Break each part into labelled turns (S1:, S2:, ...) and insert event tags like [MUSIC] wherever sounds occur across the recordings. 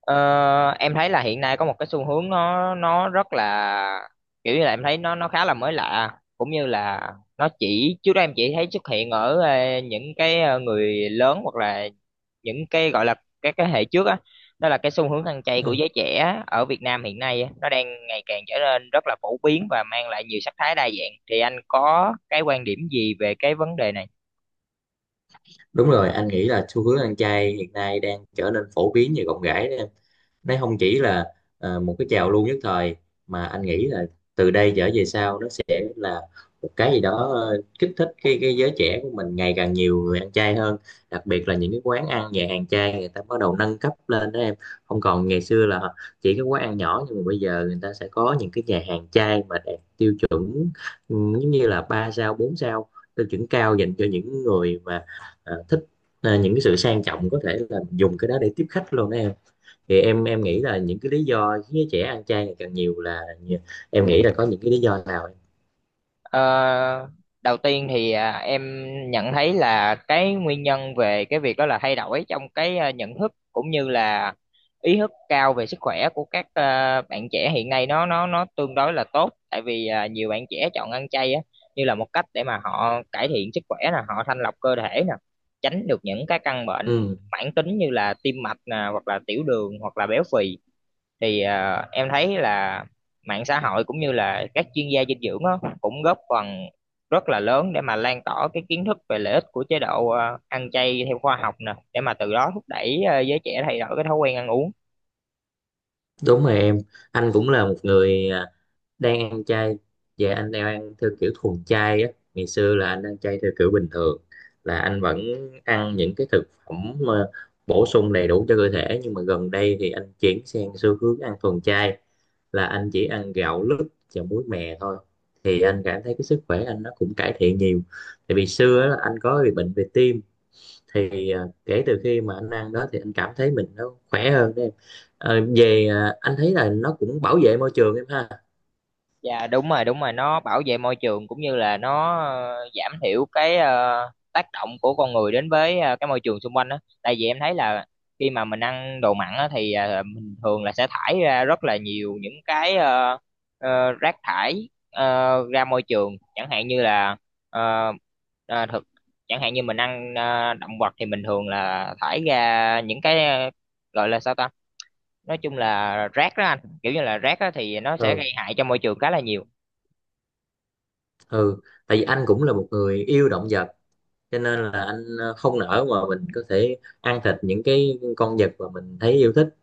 S1: Ờ, em thấy là hiện nay có một cái xu hướng nó rất là kiểu như là em thấy nó khá là mới lạ, cũng như là nó chỉ, trước đó em chỉ thấy xuất hiện ở những cái người lớn hoặc là những cái gọi là các cái hệ trước á. Đó là cái xu hướng ăn chay của
S2: Ừ.
S1: giới trẻ ở Việt Nam hiện nay á, nó đang ngày càng trở nên rất là phổ biến và mang lại nhiều sắc thái đa dạng, thì anh có cái quan điểm gì về cái vấn đề này?
S2: Đúng rồi, anh nghĩ là xu hướng ăn chay hiện nay đang trở nên phổ biến như gọng ghẽ đó em. Nó không chỉ là một cái trào lưu nhất thời, mà anh nghĩ là từ đây trở về sau nó sẽ là một cái gì đó kích thích cái giới trẻ của mình ngày càng nhiều người ăn chay hơn, đặc biệt là những cái quán ăn, nhà hàng chay người ta bắt đầu nâng cấp lên đó em. Không còn ngày xưa là chỉ cái quán ăn nhỏ, nhưng mà bây giờ người ta sẽ có những cái nhà hàng chay mà đạt tiêu chuẩn, ừ, giống như là 3 sao, 4 sao, tiêu chuẩn cao dành cho những người mà thích những cái sự sang trọng, có thể là dùng cái đó để tiếp khách luôn đó em. Thì em nghĩ là những cái lý do khiến trẻ ăn chay ngày càng nhiều là, em nghĩ là có những cái lý do nào em?
S1: Ờ, Đầu tiên thì em nhận thấy là cái nguyên nhân về cái việc đó là thay đổi trong cái nhận thức, cũng như là ý thức cao về sức khỏe của các bạn trẻ hiện nay nó tương đối là tốt. Tại vì nhiều bạn trẻ chọn ăn chay á như là một cách để mà họ cải thiện sức khỏe nè, họ thanh lọc cơ thể nè, tránh được những cái căn bệnh
S2: Ừ,
S1: mãn tính như là tim mạch nè, hoặc là tiểu đường, hoặc là béo phì. Thì em thấy là mạng xã hội cũng như là các chuyên gia dinh dưỡng á, cũng góp phần rất là lớn để mà lan tỏa cái kiến thức về lợi ích của chế độ ăn chay theo khoa học nè, để mà từ đó thúc đẩy giới trẻ thay đổi cái thói quen ăn uống.
S2: đúng rồi em. Anh cũng là một người đang ăn chay. Dạ anh đang ăn theo kiểu thuần chay á, ngày xưa là anh ăn chay theo kiểu bình thường, là anh vẫn ăn những cái thực phẩm mà bổ sung đầy đủ cho cơ thể, nhưng mà gần đây thì anh chuyển sang xu hướng ăn thuần chay, là anh chỉ ăn gạo lứt và muối mè thôi. Thì anh cảm thấy cái sức khỏe anh nó cũng cải thiện nhiều, tại vì xưa á, là anh có bị bệnh về tim. Thì kể từ khi mà anh ăn đó thì anh cảm thấy mình nó khỏe hơn đấy em. Ờ, về anh thấy là nó cũng bảo vệ môi trường em ha.
S1: Dạ, đúng rồi, đúng rồi, nó bảo vệ môi trường, cũng như là nó giảm thiểu cái tác động của con người đến với cái môi trường xung quanh đó. Tại vì em thấy là khi mà mình ăn đồ mặn á, thì mình thường là sẽ thải ra rất là nhiều những cái rác thải ra môi trường, chẳng hạn như là ờ, ờ, thực chẳng hạn như mình ăn động vật thì mình thường là thải ra những cái gọi là sao ta, nói chung là rác đó anh, kiểu như là rác đó thì nó sẽ
S2: Ừ.
S1: gây hại cho môi trường khá là nhiều.
S2: Ừ, tại vì anh cũng là một người yêu động vật, cho nên là anh không nỡ mà mình có thể ăn thịt những cái con vật mà mình thấy yêu thích,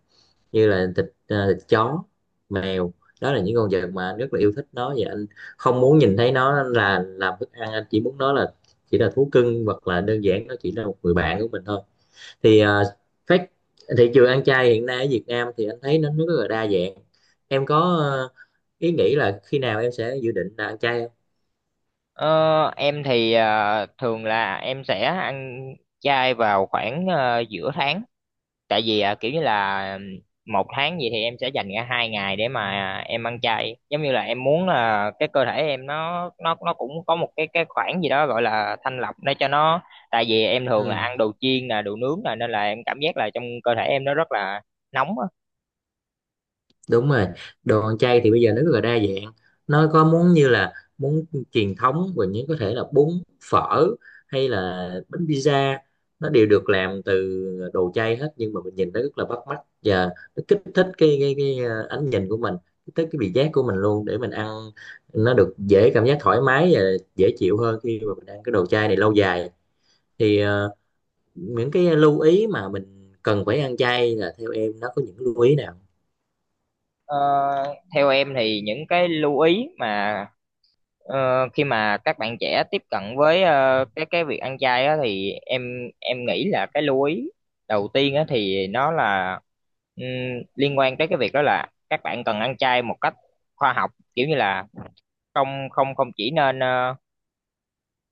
S2: như là thịt, thịt chó, mèo. Đó là những con vật mà anh rất là yêu thích nó, và anh không muốn nhìn thấy nó là làm thức ăn. Anh chỉ muốn nó là chỉ là thú cưng, hoặc là đơn giản nó chỉ là một người bạn của mình thôi. Thì phát, thị trường ăn chay hiện nay ở Việt Nam thì anh thấy nó rất là đa dạng. Em có ý nghĩ là khi nào em sẽ dự định là ăn chay không?
S1: Ờ, em thì thường là em sẽ ăn chay vào khoảng giữa tháng. Tại vì kiểu như là một tháng gì thì em sẽ dành ra hai ngày để mà em ăn chay, giống như là em muốn là cái cơ thể em nó cũng có một cái khoảng gì đó gọi là thanh lọc để cho nó. Tại vì em thường là
S2: Ừ,
S1: ăn đồ chiên là đồ nướng là, nên là em cảm giác là trong cơ thể em nó rất là nóng á.
S2: đúng rồi. Đồ ăn chay thì bây giờ nó rất là đa dạng, nó có muốn như là muốn truyền thống, và những có thể là bún, phở, hay là bánh pizza, nó đều được làm từ đồ chay hết, nhưng mà mình nhìn nó rất là bắt mắt, và nó kích thích cái ánh nhìn của mình, kích thích cái vị giác của mình luôn để mình ăn nó được, dễ cảm giác thoải mái và dễ chịu hơn khi mà mình ăn cái đồ chay này lâu dài. Thì những cái lưu ý mà mình cần phải ăn chay là, theo em nó có những lưu ý nào?
S1: Ờ, Theo em thì những cái lưu ý mà, khi mà các bạn trẻ tiếp cận với cái việc ăn chay á, thì em nghĩ là cái lưu ý đầu tiên á, thì nó là ừm, liên quan tới cái việc đó là các bạn cần ăn chay một cách khoa học, kiểu như là không không không chỉ nên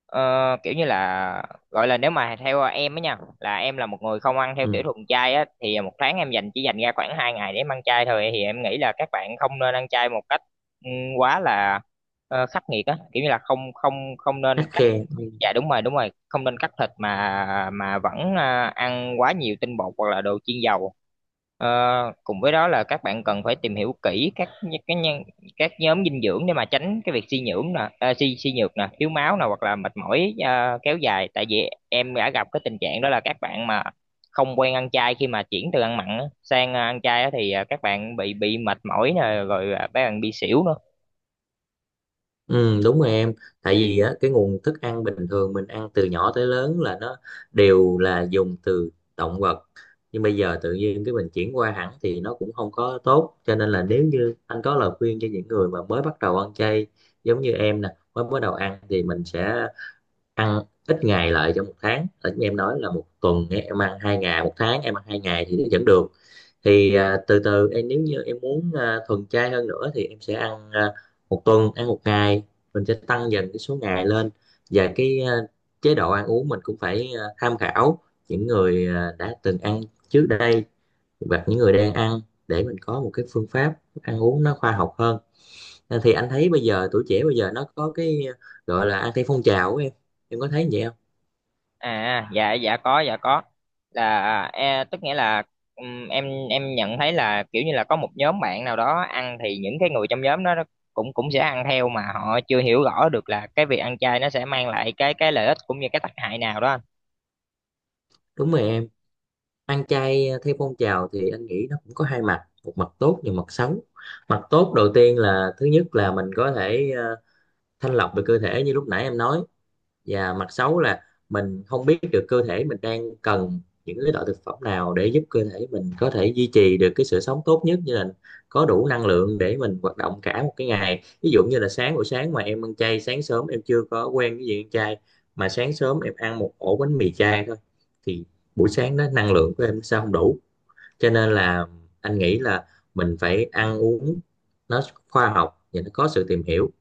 S1: Ờ, kiểu như là, gọi là, nếu mà theo em á nha, là em là một người không ăn theo kiểu
S2: Ừ,
S1: thuần chay á, thì một tháng em chỉ dành ra khoảng hai ngày để em ăn chay thôi, thì em nghĩ là các bạn không nên ăn chay một cách ừ, quá là khắc nghiệt á, kiểu như là không không không nên
S2: khắt
S1: cắt,
S2: khe.
S1: dạ đúng rồi, đúng rồi, không nên cắt thịt mà vẫn ăn quá nhiều tinh bột hoặc là đồ chiên dầu. Ờ, Cùng với đó là các bạn cần phải tìm hiểu kỹ các nh- cái nhân các nhóm dinh dưỡng để mà tránh cái việc suy nhưỡng nè, suy suy nhược nè, thiếu máu nè, hoặc là mệt mỏi kéo dài. Tại vì em đã gặp cái tình trạng đó là các bạn mà không quen ăn chay, khi mà chuyển từ ăn mặn á sang ăn chay á, thì các bạn bị mệt mỏi nè, rồi các bạn bị xỉu nữa.
S2: Ừ, đúng rồi em. Tại vì á, cái nguồn thức ăn bình thường mình ăn từ nhỏ tới lớn là nó đều là dùng từ động vật, nhưng bây giờ tự nhiên cái mình chuyển qua hẳn thì nó cũng không có tốt. Cho nên là nếu như anh có lời khuyên cho những người mà mới bắt đầu ăn chay, giống như em nè mới bắt đầu ăn, thì mình sẽ ăn ít ngày lại trong một tháng, ở như em nói là một tuần em ăn hai ngày, một tháng em ăn hai ngày thì nó vẫn được. Thì từ từ em, nếu như em muốn thuần chay hơn nữa thì em sẽ ăn một tuần ăn một ngày, mình sẽ tăng dần cái số ngày lên. Và cái chế độ ăn uống mình cũng phải tham khảo những người đã từng ăn trước đây, và những người đang ăn, để mình có một cái phương pháp ăn uống nó khoa học hơn. À, thì anh thấy bây giờ tuổi trẻ bây giờ nó có cái gọi là ăn theo phong trào của em có thấy vậy không?
S1: À, dạ, dạ có, dạ có, là tức nghĩa là, ừm, em em nhận thấy là kiểu như là có một nhóm bạn nào đó ăn, thì những cái người trong nhóm đó nó cũng cũng sẽ ăn theo, mà họ chưa hiểu rõ được là cái việc ăn chay nó sẽ mang lại cái lợi ích cũng như cái tác hại nào đó anh.
S2: Đúng rồi em. Ăn chay theo phong trào thì anh nghĩ nó cũng có hai mặt, một mặt tốt và mặt xấu. Mặt tốt đầu tiên là, thứ nhất là mình có thể thanh lọc về cơ thể như lúc nãy em nói. Và mặt xấu là mình không biết được cơ thể mình đang cần những cái loại thực phẩm nào để giúp cơ thể mình có thể duy trì được cái sự sống tốt nhất, như là có đủ năng lượng để mình hoạt động cả một cái ngày. Ví dụ như là sáng, buổi sáng mà em ăn chay, sáng sớm em chưa có quen cái gì ăn chay, mà sáng sớm em ăn một ổ bánh mì chay thôi, thì buổi sáng đó năng lượng của em sao không đủ. Cho nên là anh nghĩ là mình phải ăn uống nó khoa học và nó có sự tìm hiểu.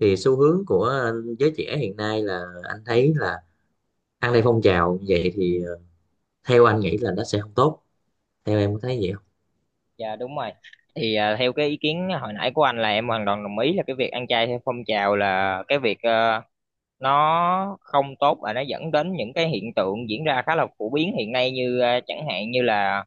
S2: Thì xu hướng của giới trẻ hiện nay là anh thấy là ăn theo phong trào vậy thì theo anh nghĩ là nó sẽ không tốt, theo em có thấy vậy không?
S1: Dạ, đúng rồi. Thì theo cái ý kiến hồi nãy của anh là em hoàn toàn đồng ý, là cái việc ăn chay theo phong trào là cái việc nó không tốt, và nó dẫn đến những cái hiện tượng diễn ra khá là phổ biến hiện nay, như chẳng hạn như là,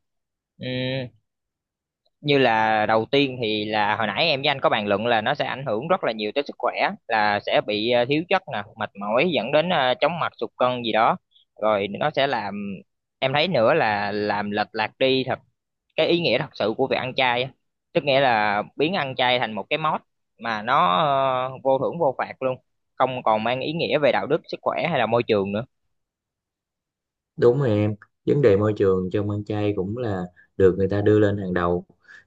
S1: như là đầu tiên thì là hồi nãy em với anh có bàn luận là nó sẽ ảnh hưởng rất là nhiều tới sức khỏe, là sẽ bị thiếu chất nè, mệt mỏi, dẫn đến chóng mặt, sụt cân gì đó. Rồi nó sẽ làm, em thấy nữa là, làm lệch lạc đi thật cái ý nghĩa thật sự của việc ăn chay á, tức nghĩa là biến ăn chay thành một cái mốt mà nó vô thưởng vô phạt luôn, không còn mang ý nghĩa về đạo đức, sức khỏe hay là môi trường nữa.
S2: Đúng rồi em. Vấn đề môi trường trong ăn chay cũng là được người ta đưa lên hàng đầu.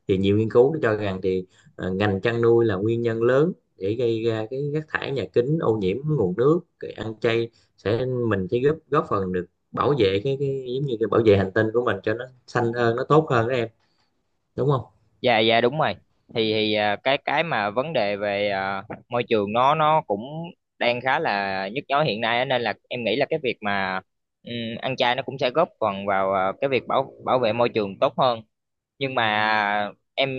S2: Thì nhiều nghiên cứu cho rằng thì ngành chăn nuôi là nguyên nhân lớn để gây ra cái rác thải nhà kính, ô nhiễm nguồn nước. Cái ăn chay sẽ, mình sẽ góp góp phần được bảo vệ cái giống như cái bảo vệ hành tinh của mình cho nó xanh hơn, nó tốt hơn đó em, đúng không?
S1: Dạ, dạ đúng rồi. Thì cái mà vấn đề về môi trường nó cũng đang khá là nhức nhối hiện nay á, nên là em nghĩ là cái việc mà ừm, ăn chay nó cũng sẽ góp phần vào cái việc bảo bảo vệ môi trường tốt hơn. Nhưng mà em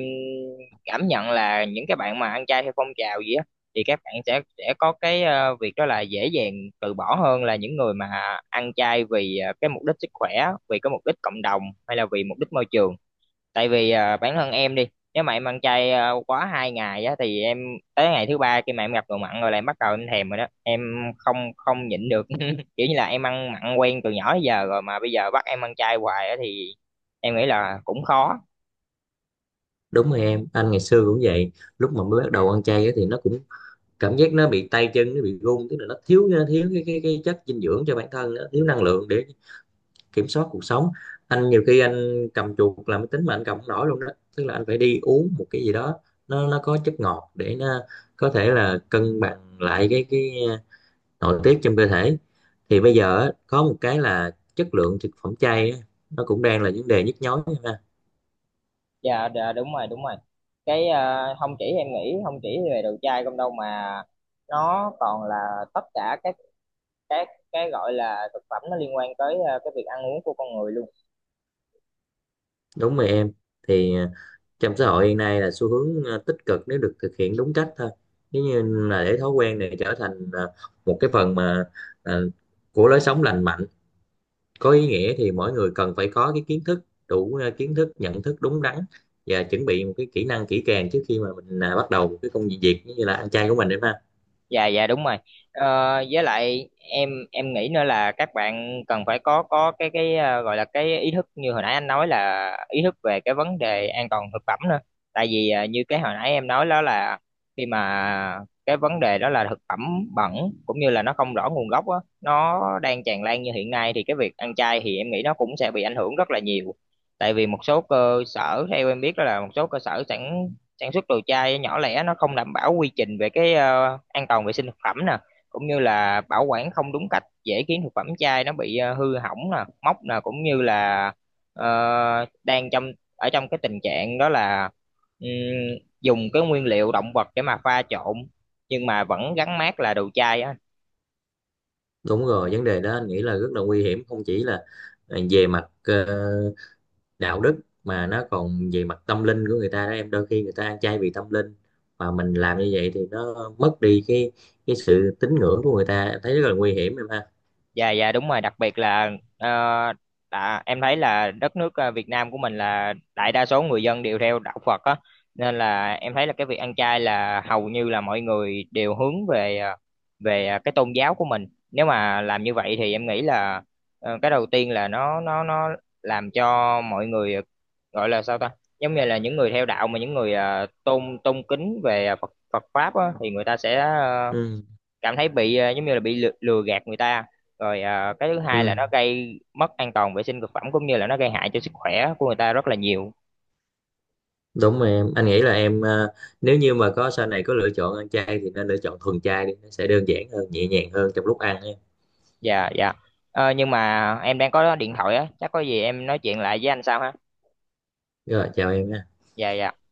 S1: cảm nhận là những cái bạn mà ăn chay theo phong trào gì á, thì các bạn sẽ có cái việc đó là dễ dàng từ bỏ hơn là những người mà ăn chay vì cái mục đích sức khỏe, vì cái mục đích cộng đồng, hay là vì mục đích môi trường. Tại vì bản thân em đi, nếu mà em ăn chay quá hai ngày á, thì em tới ngày thứ ba khi mà em gặp đồ mặn rồi là em bắt đầu em thèm rồi đó em, không không nhịn được [LAUGHS] kiểu như là em ăn mặn quen từ nhỏ tới giờ rồi, mà bây giờ bắt em ăn chay hoài á thì em nghĩ là cũng khó.
S2: Đúng rồi em, anh ngày xưa cũng vậy. Lúc mà mới bắt đầu ăn chay á thì nó cũng cảm giác nó bị tay chân nó bị run, tức là nó thiếu thiếu cái, cái chất dinh dưỡng cho bản thân, nó thiếu năng lượng để kiểm soát cuộc sống. Anh nhiều khi anh cầm chuột làm máy tính mà anh cầm không nổi luôn đó, tức là anh phải đi uống một cái gì đó nó có chất ngọt để nó có thể là cân bằng lại cái nội tiết trong cơ thể. Thì bây giờ á, có một cái là chất lượng thực phẩm chay á, nó cũng đang là vấn đề nhức nhối.
S1: Dạ dạ, đúng rồi, đúng rồi, cái không chỉ em nghĩ, không chỉ về đồ chay không đâu, mà nó còn là tất cả các cái gọi là thực phẩm nó liên quan tới cái việc ăn uống của con người luôn.
S2: Đúng rồi em. Thì trong xã hội hiện nay là xu hướng tích cực nếu được thực hiện đúng cách thôi. Nếu như là để thói quen này trở thành một cái phần mà ờ, của lối sống lành mạnh, có ý nghĩa, thì mỗi người cần phải có cái kiến thức đủ, kiến thức, nhận thức đúng đắn, và chuẩn bị một cái kỹ năng kỹ càng trước khi mà mình bắt đầu một cái công việc như là ăn chay của mình em ha.
S1: Dạ, dạ đúng rồi. ờ, với lại em nghĩ nữa là các bạn cần phải có cái gọi là cái ý thức, như hồi nãy anh nói là ý thức về cái vấn đề an toàn thực phẩm nữa. Tại vì như cái hồi nãy em nói đó là, khi mà cái vấn đề đó là thực phẩm bẩn, cũng như là nó không rõ nguồn gốc á, nó đang tràn lan như hiện nay, thì cái việc ăn chay thì em nghĩ nó cũng sẽ bị ảnh hưởng rất là nhiều. Tại vì một số cơ sở theo em biết đó là một số cơ sở sẵn sản xuất đồ chai nhỏ lẻ, nó không đảm bảo quy trình về cái an toàn vệ sinh thực phẩm nè, cũng như là bảo quản không đúng cách, dễ khiến thực phẩm chai nó bị hư hỏng nè, mốc nè, cũng như là đang trong, ở trong cái tình trạng đó là ừm, dùng cái nguyên liệu động vật để mà pha trộn, nhưng mà vẫn gắn mác là đồ chai á.
S2: Đúng rồi, vấn đề đó anh nghĩ là rất là nguy hiểm, không chỉ là về mặt đạo đức mà nó còn về mặt tâm linh của người ta đó em. Đôi khi người ta ăn chay vì tâm linh, mà mình làm như vậy thì nó mất đi cái sự tín ngưỡng của người ta, em thấy rất là nguy hiểm em ha.
S1: Dạ, dạ đúng rồi. Đặc biệt là ờ, em thấy là đất nước Việt Nam của mình là đại đa số người dân đều theo đạo Phật á, nên là em thấy là cái việc ăn chay là hầu như là mọi người đều hướng về cái tôn giáo của mình, nếu mà làm như vậy thì em nghĩ là cái đầu tiên là nó làm cho mọi người gọi là sao ta, giống như là những người theo đạo, mà những người tôn tôn kính về Phật Phật pháp á, thì người ta sẽ
S2: Ừ.
S1: cảm thấy bị giống như là bị lừa, lừa gạt người ta. Rồi cái thứ hai là
S2: Ừ,
S1: nó gây mất an toàn vệ sinh thực phẩm, cũng như là nó gây hại cho sức khỏe của người ta rất là nhiều.
S2: đúng rồi em, anh nghĩ là em nếu như mà có sau này có lựa chọn ăn chay thì nên lựa chọn thuần chay đi, nó sẽ đơn giản hơn, nhẹ nhàng hơn trong lúc ăn em.
S1: Dạ, dạ. Nhưng mà em đang có điện thoại á, chắc có gì em nói chuyện lại với anh sau ha.
S2: Rồi chào em nha.
S1: Dạ, dạ.